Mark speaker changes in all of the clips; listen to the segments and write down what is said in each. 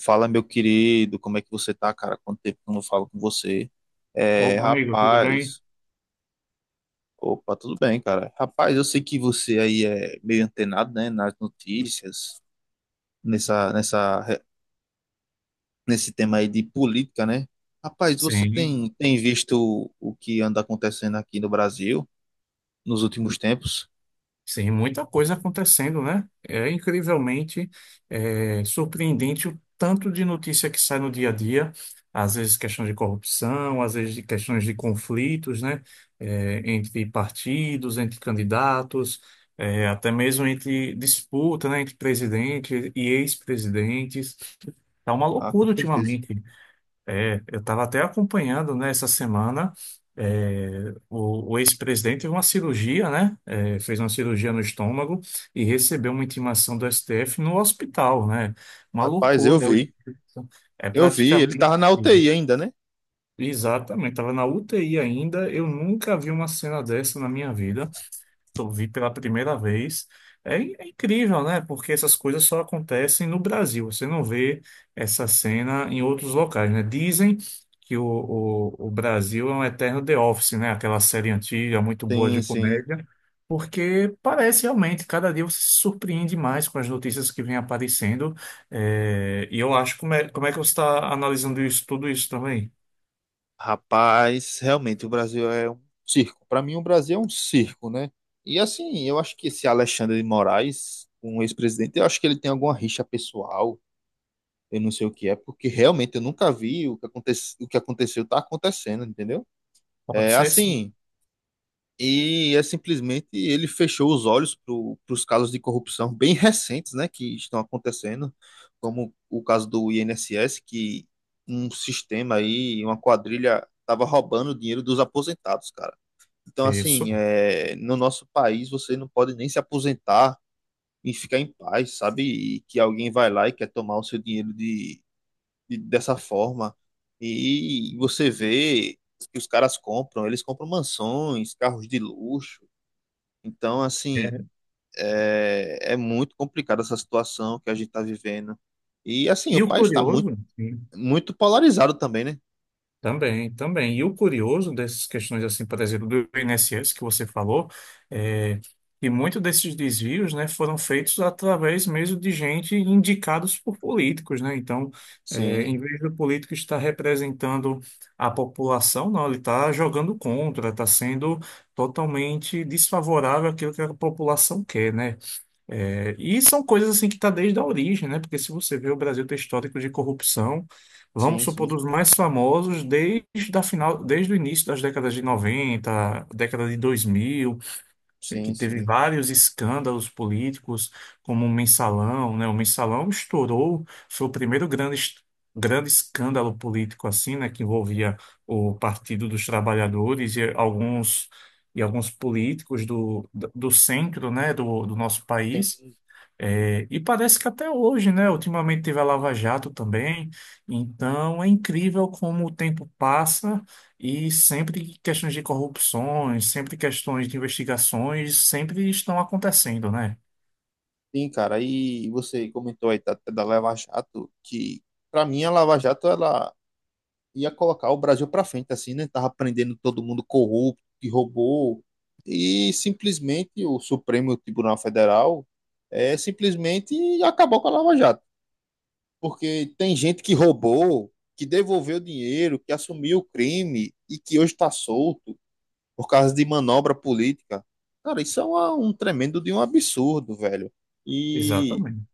Speaker 1: Fala, meu querido, como é que você tá, cara? Quanto tempo que eu não falo com você? É,
Speaker 2: Opa, amigo, tudo bem?
Speaker 1: rapaz, opa, tudo bem, cara. Rapaz, eu sei que você aí é meio antenado, né, nas notícias, nessa, nessa, nesse tema aí de política, né? Rapaz, você
Speaker 2: Sim,
Speaker 1: tem visto o que anda acontecendo aqui no Brasil nos últimos tempos?
Speaker 2: sim, muita coisa acontecendo, né? Surpreendente o tanto de notícia que sai no dia a dia, às vezes questões de corrupção, às vezes de questões de conflitos, né? Entre partidos, entre candidatos, até mesmo entre disputa, né? Entre presidente e ex-presidentes. Tá uma
Speaker 1: Ah, com
Speaker 2: loucura
Speaker 1: certeza.
Speaker 2: ultimamente. Eu estava até acompanhando, né, essa semana, o ex-presidente teve uma cirurgia, né, fez uma cirurgia no estômago e recebeu uma intimação do STF no hospital, né, uma
Speaker 1: Rapaz, eu
Speaker 2: loucura,
Speaker 1: vi,
Speaker 2: é
Speaker 1: eu vi, ele
Speaker 2: praticamente,
Speaker 1: tava na UTI ainda, né?
Speaker 2: exatamente, estava na UTI ainda, eu nunca vi uma cena dessa na minha vida, eu vi pela primeira vez. É incrível, né? Porque essas coisas só acontecem no Brasil. Você não vê essa cena em outros locais, né? Dizem que o Brasil é um eterno The Office, né? Aquela série antiga, muito boa de
Speaker 1: Sim, sim.
Speaker 2: comédia, porque parece realmente, cada dia você se surpreende mais com as notícias que vêm aparecendo. É, e eu acho, como é que você está analisando isso, tudo isso também?
Speaker 1: Rapaz, realmente o Brasil é um circo. Para mim, o Brasil é um circo, né? E assim, eu acho que esse Alexandre de Moraes, um ex-presidente, eu acho que ele tem alguma rixa pessoal, eu não sei o que é, porque realmente eu nunca vi o que aconteceu, tá acontecendo, entendeu?
Speaker 2: Pode
Speaker 1: É
Speaker 2: ser sim.
Speaker 1: assim. E é simplesmente ele fechou os olhos para os casos de corrupção bem recentes, né, que estão acontecendo, como o caso do INSS, que um sistema aí, uma quadrilha, estava roubando o dinheiro dos aposentados, cara. Então,
Speaker 2: Isso.
Speaker 1: assim, no nosso país você não pode nem se aposentar e ficar em paz, sabe? E que alguém vai lá e quer tomar o seu dinheiro dessa forma. E você vê que os caras compram, eles compram mansões, carros de luxo então, assim,
Speaker 2: É.
Speaker 1: é muito complicada essa situação que a gente está vivendo. E, assim, o
Speaker 2: E o
Speaker 1: país está muito,
Speaker 2: curioso, sim.
Speaker 1: muito polarizado também, né?
Speaker 2: Também, também. E o curioso dessas questões, assim, por exemplo, do INSS que você falou, é que muitos desses desvios, né, foram feitos através mesmo de gente indicados por políticos, né? Então,
Speaker 1: Sim,
Speaker 2: em vez do político estar representando a população, não, ele está jogando contra, está sendo totalmente desfavorável àquilo que a população quer, né? É, e são coisas assim que está desde a origem, né? Porque se você vê o Brasil ter histórico de corrupção, vamos
Speaker 1: sim,
Speaker 2: supor,
Speaker 1: sim,
Speaker 2: dos mais famosos desde a final, desde o início das décadas de 90, década de 2000, que
Speaker 1: sim,
Speaker 2: teve
Speaker 1: sim.
Speaker 2: vários escândalos políticos, como o Mensalão, né? O Mensalão estourou, foi o primeiro grande, grande escândalo político assim, né? Que envolvia o Partido dos Trabalhadores e alguns políticos do, do centro, né? Do nosso país.
Speaker 1: Tem,
Speaker 2: É, e parece que até hoje, né? Ultimamente teve a Lava Jato também. Então é incrível como o tempo passa e sempre questões de corrupções, sempre questões de investigações, sempre estão acontecendo, né?
Speaker 1: sim, cara. E você comentou aí da Lava Jato, que para mim a Lava Jato ela ia colocar o Brasil para frente, assim, né? Tava prendendo todo mundo corrupto, que roubou. E simplesmente o Supremo Tribunal Federal simplesmente acabou com a Lava Jato. Porque tem gente que roubou, que devolveu dinheiro, que assumiu o crime e que hoje está solto por causa de manobra política. Cara, isso é um tremendo de um absurdo, velho. E,
Speaker 2: Exatamente.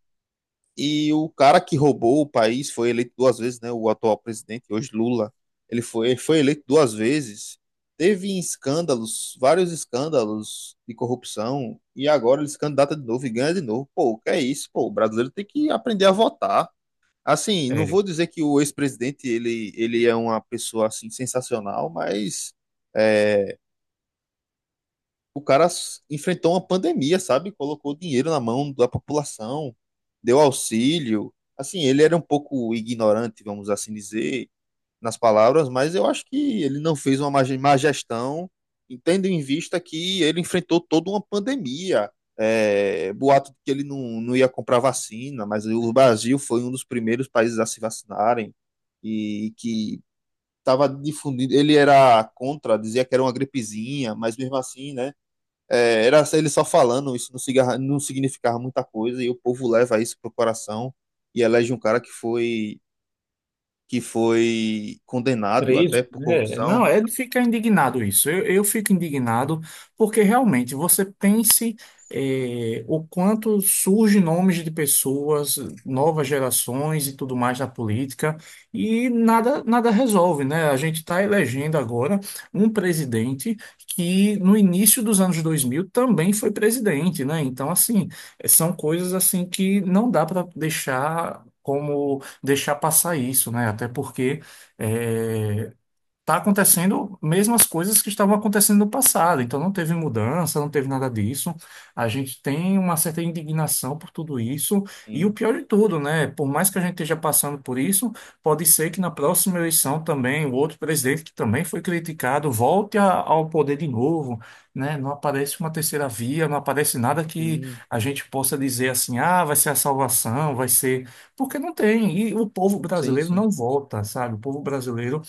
Speaker 1: e o cara que roubou o país foi eleito duas vezes, né? O atual presidente, hoje Lula, ele foi eleito duas vezes. Teve escândalos, vários escândalos de corrupção, e agora ele se candidata de novo e ganha de novo. Pô, o que é isso? Pô, o brasileiro tem que aprender a votar. Assim, não vou dizer que o ex-presidente ele é uma pessoa assim sensacional, mas é, o cara enfrentou uma pandemia, sabe? Colocou dinheiro na mão da população, deu auxílio. Assim, ele era um pouco ignorante, vamos assim dizer nas palavras, mas eu acho que ele não fez uma má gestão, tendo em vista que ele enfrentou toda uma pandemia. É, boato de que ele não ia comprar vacina, mas o Brasil foi um dos primeiros países a se vacinarem e que estava difundindo. Ele era contra, dizia que era uma gripezinha, mas mesmo assim, né? Era ele só falando, isso não, não significava muita coisa e o povo leva isso pro coração e elege um cara que foi condenado até
Speaker 2: Preso,
Speaker 1: por
Speaker 2: né? Não,
Speaker 1: corrupção.
Speaker 2: é de ficar indignado isso. Eu fico indignado porque realmente você pense o quanto surge nomes de pessoas, novas gerações e tudo mais na política e nada resolve, né? A gente está elegendo agora um presidente que no início dos anos 2000 também foi presidente, né? Então, assim, são coisas assim que não dá para deixar como deixar passar isso, né? Até porque é, tá acontecendo mesmas coisas que estavam acontecendo no passado, então não teve mudança, não teve nada disso. A gente tem uma certa indignação por tudo isso, e o
Speaker 1: Sim,
Speaker 2: pior de tudo, né? Por mais que a gente esteja passando por isso, pode ser que na próxima eleição também o outro presidente que também foi criticado volte ao poder de novo, né? Não aparece uma terceira via, não aparece nada que
Speaker 1: sim,
Speaker 2: a gente possa dizer assim, ah, vai ser a salvação, vai ser. Porque não tem, e o povo
Speaker 1: sim,
Speaker 2: brasileiro
Speaker 1: sim.
Speaker 2: não volta, sabe? O povo brasileiro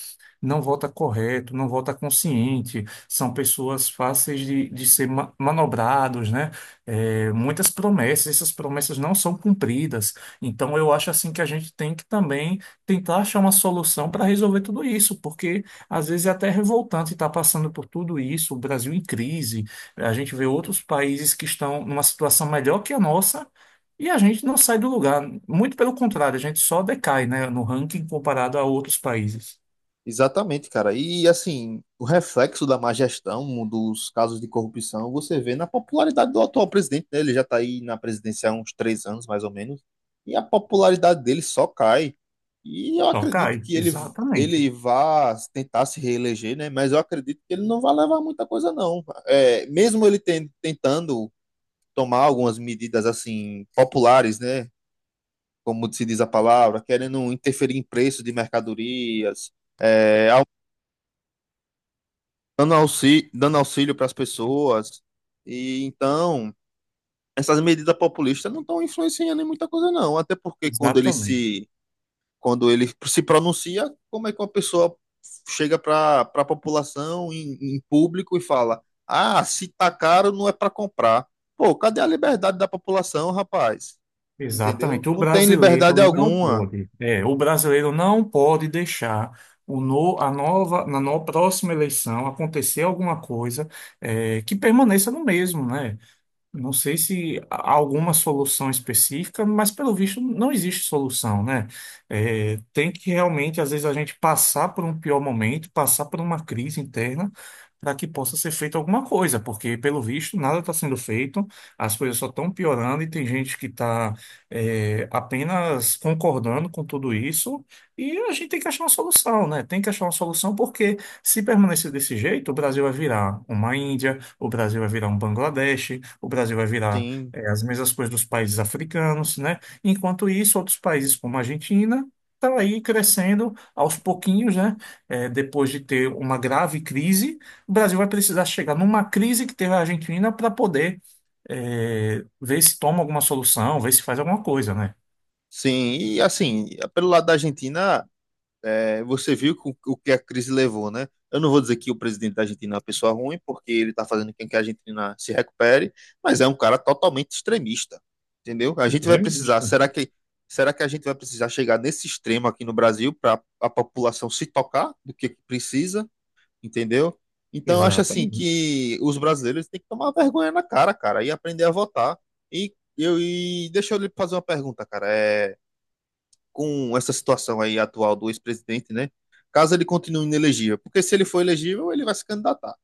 Speaker 2: não vota correto, não vota consciente, são pessoas fáceis de ser manobrados, né? É, muitas promessas, essas promessas não são cumpridas. Então, eu acho assim que a gente tem que também tentar achar uma solução para resolver tudo isso, porque às vezes é até revoltante estar passando por tudo isso, o Brasil em crise, a gente vê outros países que estão numa situação melhor que a nossa. E a gente não sai do lugar, muito pelo contrário, a gente só decai, né, no ranking comparado a outros países.
Speaker 1: Exatamente, cara. E assim, o reflexo da má gestão um dos casos de corrupção você vê na popularidade do atual presidente, né? Ele já está aí na presidência há uns 3 anos, mais ou menos, e a popularidade dele só cai. E eu
Speaker 2: Só
Speaker 1: acredito
Speaker 2: cai,
Speaker 1: que ele vá tentar se reeleger, né? Mas eu acredito que ele não vai levar muita coisa, não. Mesmo ele tentando tomar algumas medidas assim populares, né? como se diz a palavra, querendo interferir em preço de mercadorias, é, au- dando auxílio para as pessoas. E então, essas medidas populistas não estão influenciando em muita coisa, não. Até porque quando ele
Speaker 2: exatamente,
Speaker 1: se, quando ele se pronuncia, como é que uma pessoa chega para a população em público e fala: Ah, se tá caro, não é para comprar. Pô, cadê a liberdade da população, rapaz? Entendeu?
Speaker 2: exatamente. O
Speaker 1: Não tem liberdade
Speaker 2: brasileiro não
Speaker 1: alguma.
Speaker 2: pode, é, o brasileiro não pode deixar o no, a nova, na no- próxima eleição acontecer alguma coisa que permaneça no mesmo, né? Não sei se há alguma solução específica, mas pelo visto não existe solução, né? É, tem que realmente, às vezes, a gente passar por um pior momento, passar por uma crise interna, para que possa ser feita alguma coisa, porque pelo visto nada está sendo feito, as coisas só estão piorando e tem gente que está, apenas concordando com tudo isso e a gente tem que achar uma solução, né? Tem que achar uma solução, porque se permanecer desse jeito, o Brasil vai virar uma Índia. O Brasil vai virar um Bangladesh, o Brasil vai virar
Speaker 1: Sim.
Speaker 2: as mesmas coisas dos países africanos, né? Enquanto isso, outros países como a Argentina estão aí crescendo aos pouquinhos, né? Depois de ter uma grave crise, o Brasil vai precisar chegar numa crise que teve a Argentina para poder ver se toma alguma solução, ver se faz alguma coisa, né?
Speaker 1: Sim, e assim, pelo lado da Argentina, você viu o que a crise levou, né? Eu não vou dizer que o presidente da Argentina é uma pessoa ruim, porque ele está fazendo com que a Argentina se recupere, mas é um cara totalmente extremista, entendeu? A gente vai precisar,
Speaker 2: Extremista.
Speaker 1: será que a gente vai precisar chegar nesse extremo aqui no Brasil para a população se tocar do que precisa, entendeu? Então, eu acho assim
Speaker 2: Exatamente.
Speaker 1: que os brasileiros têm que tomar vergonha na cara, cara, e aprender a votar. E deixa eu lhe fazer uma pergunta, cara. Com essa situação aí atual do ex-presidente, né? Caso ele continue inelegível, porque se ele for elegível, ele vai se candidatar.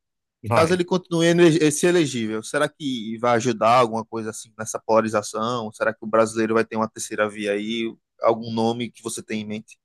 Speaker 1: Caso
Speaker 2: Vai.
Speaker 1: ele continue se elegível, será que vai ajudar alguma coisa assim nessa polarização? Será que o brasileiro vai ter uma terceira via aí? Algum nome que você tem em mente?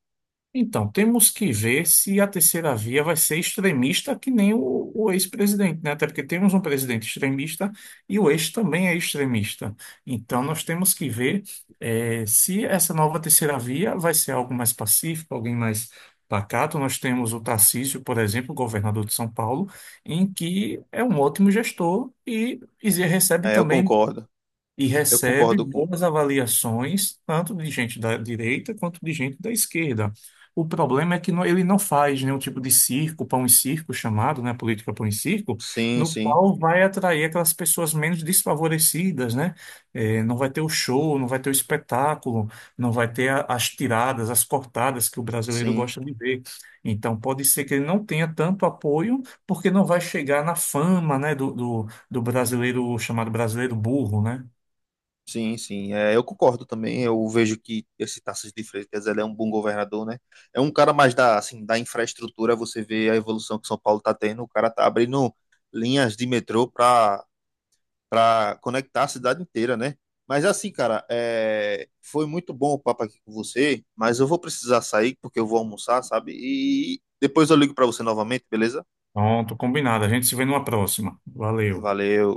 Speaker 2: Então, temos que ver se a terceira via vai ser extremista que nem o ex-presidente, né? Até porque temos um presidente extremista e o ex também é extremista. Então, nós temos que ver se essa nova terceira via vai ser algo mais pacífico, alguém mais pacato. Nós temos o Tarcísio, por exemplo, governador de São Paulo, em que é um ótimo gestor e recebe
Speaker 1: É, eu
Speaker 2: também
Speaker 1: concordo.
Speaker 2: e
Speaker 1: Eu
Speaker 2: recebe
Speaker 1: concordo com.
Speaker 2: boas avaliações, tanto de gente da direita quanto de gente da esquerda. O problema é que ele não faz nenhum tipo de circo, pão e circo chamado, né, política pão e circo,
Speaker 1: Sim,
Speaker 2: no
Speaker 1: sim,
Speaker 2: qual vai atrair aquelas pessoas menos desfavorecidas, né? Eh, não vai ter o show, não vai ter o espetáculo, não vai ter as tiradas, as cortadas que o brasileiro
Speaker 1: sim.
Speaker 2: gosta de ver. Então pode ser que ele não tenha tanto apoio, porque não vai chegar na fama, né, do brasileiro chamado brasileiro burro, né?
Speaker 1: Sim, sim, eu concordo também. Eu vejo que esse Tarcísio de Freitas ele é um bom governador, né? É um cara mais da, assim, da infraestrutura. Você vê a evolução que São Paulo está tendo. O cara tá abrindo linhas de metrô para conectar a cidade inteira, né? Mas assim, cara, foi muito bom o papo aqui com você. Mas eu vou precisar sair porque eu vou almoçar, sabe? E depois eu ligo para você novamente, beleza?
Speaker 2: Pronto, combinado. A gente se vê numa próxima. Valeu.
Speaker 1: Valeu.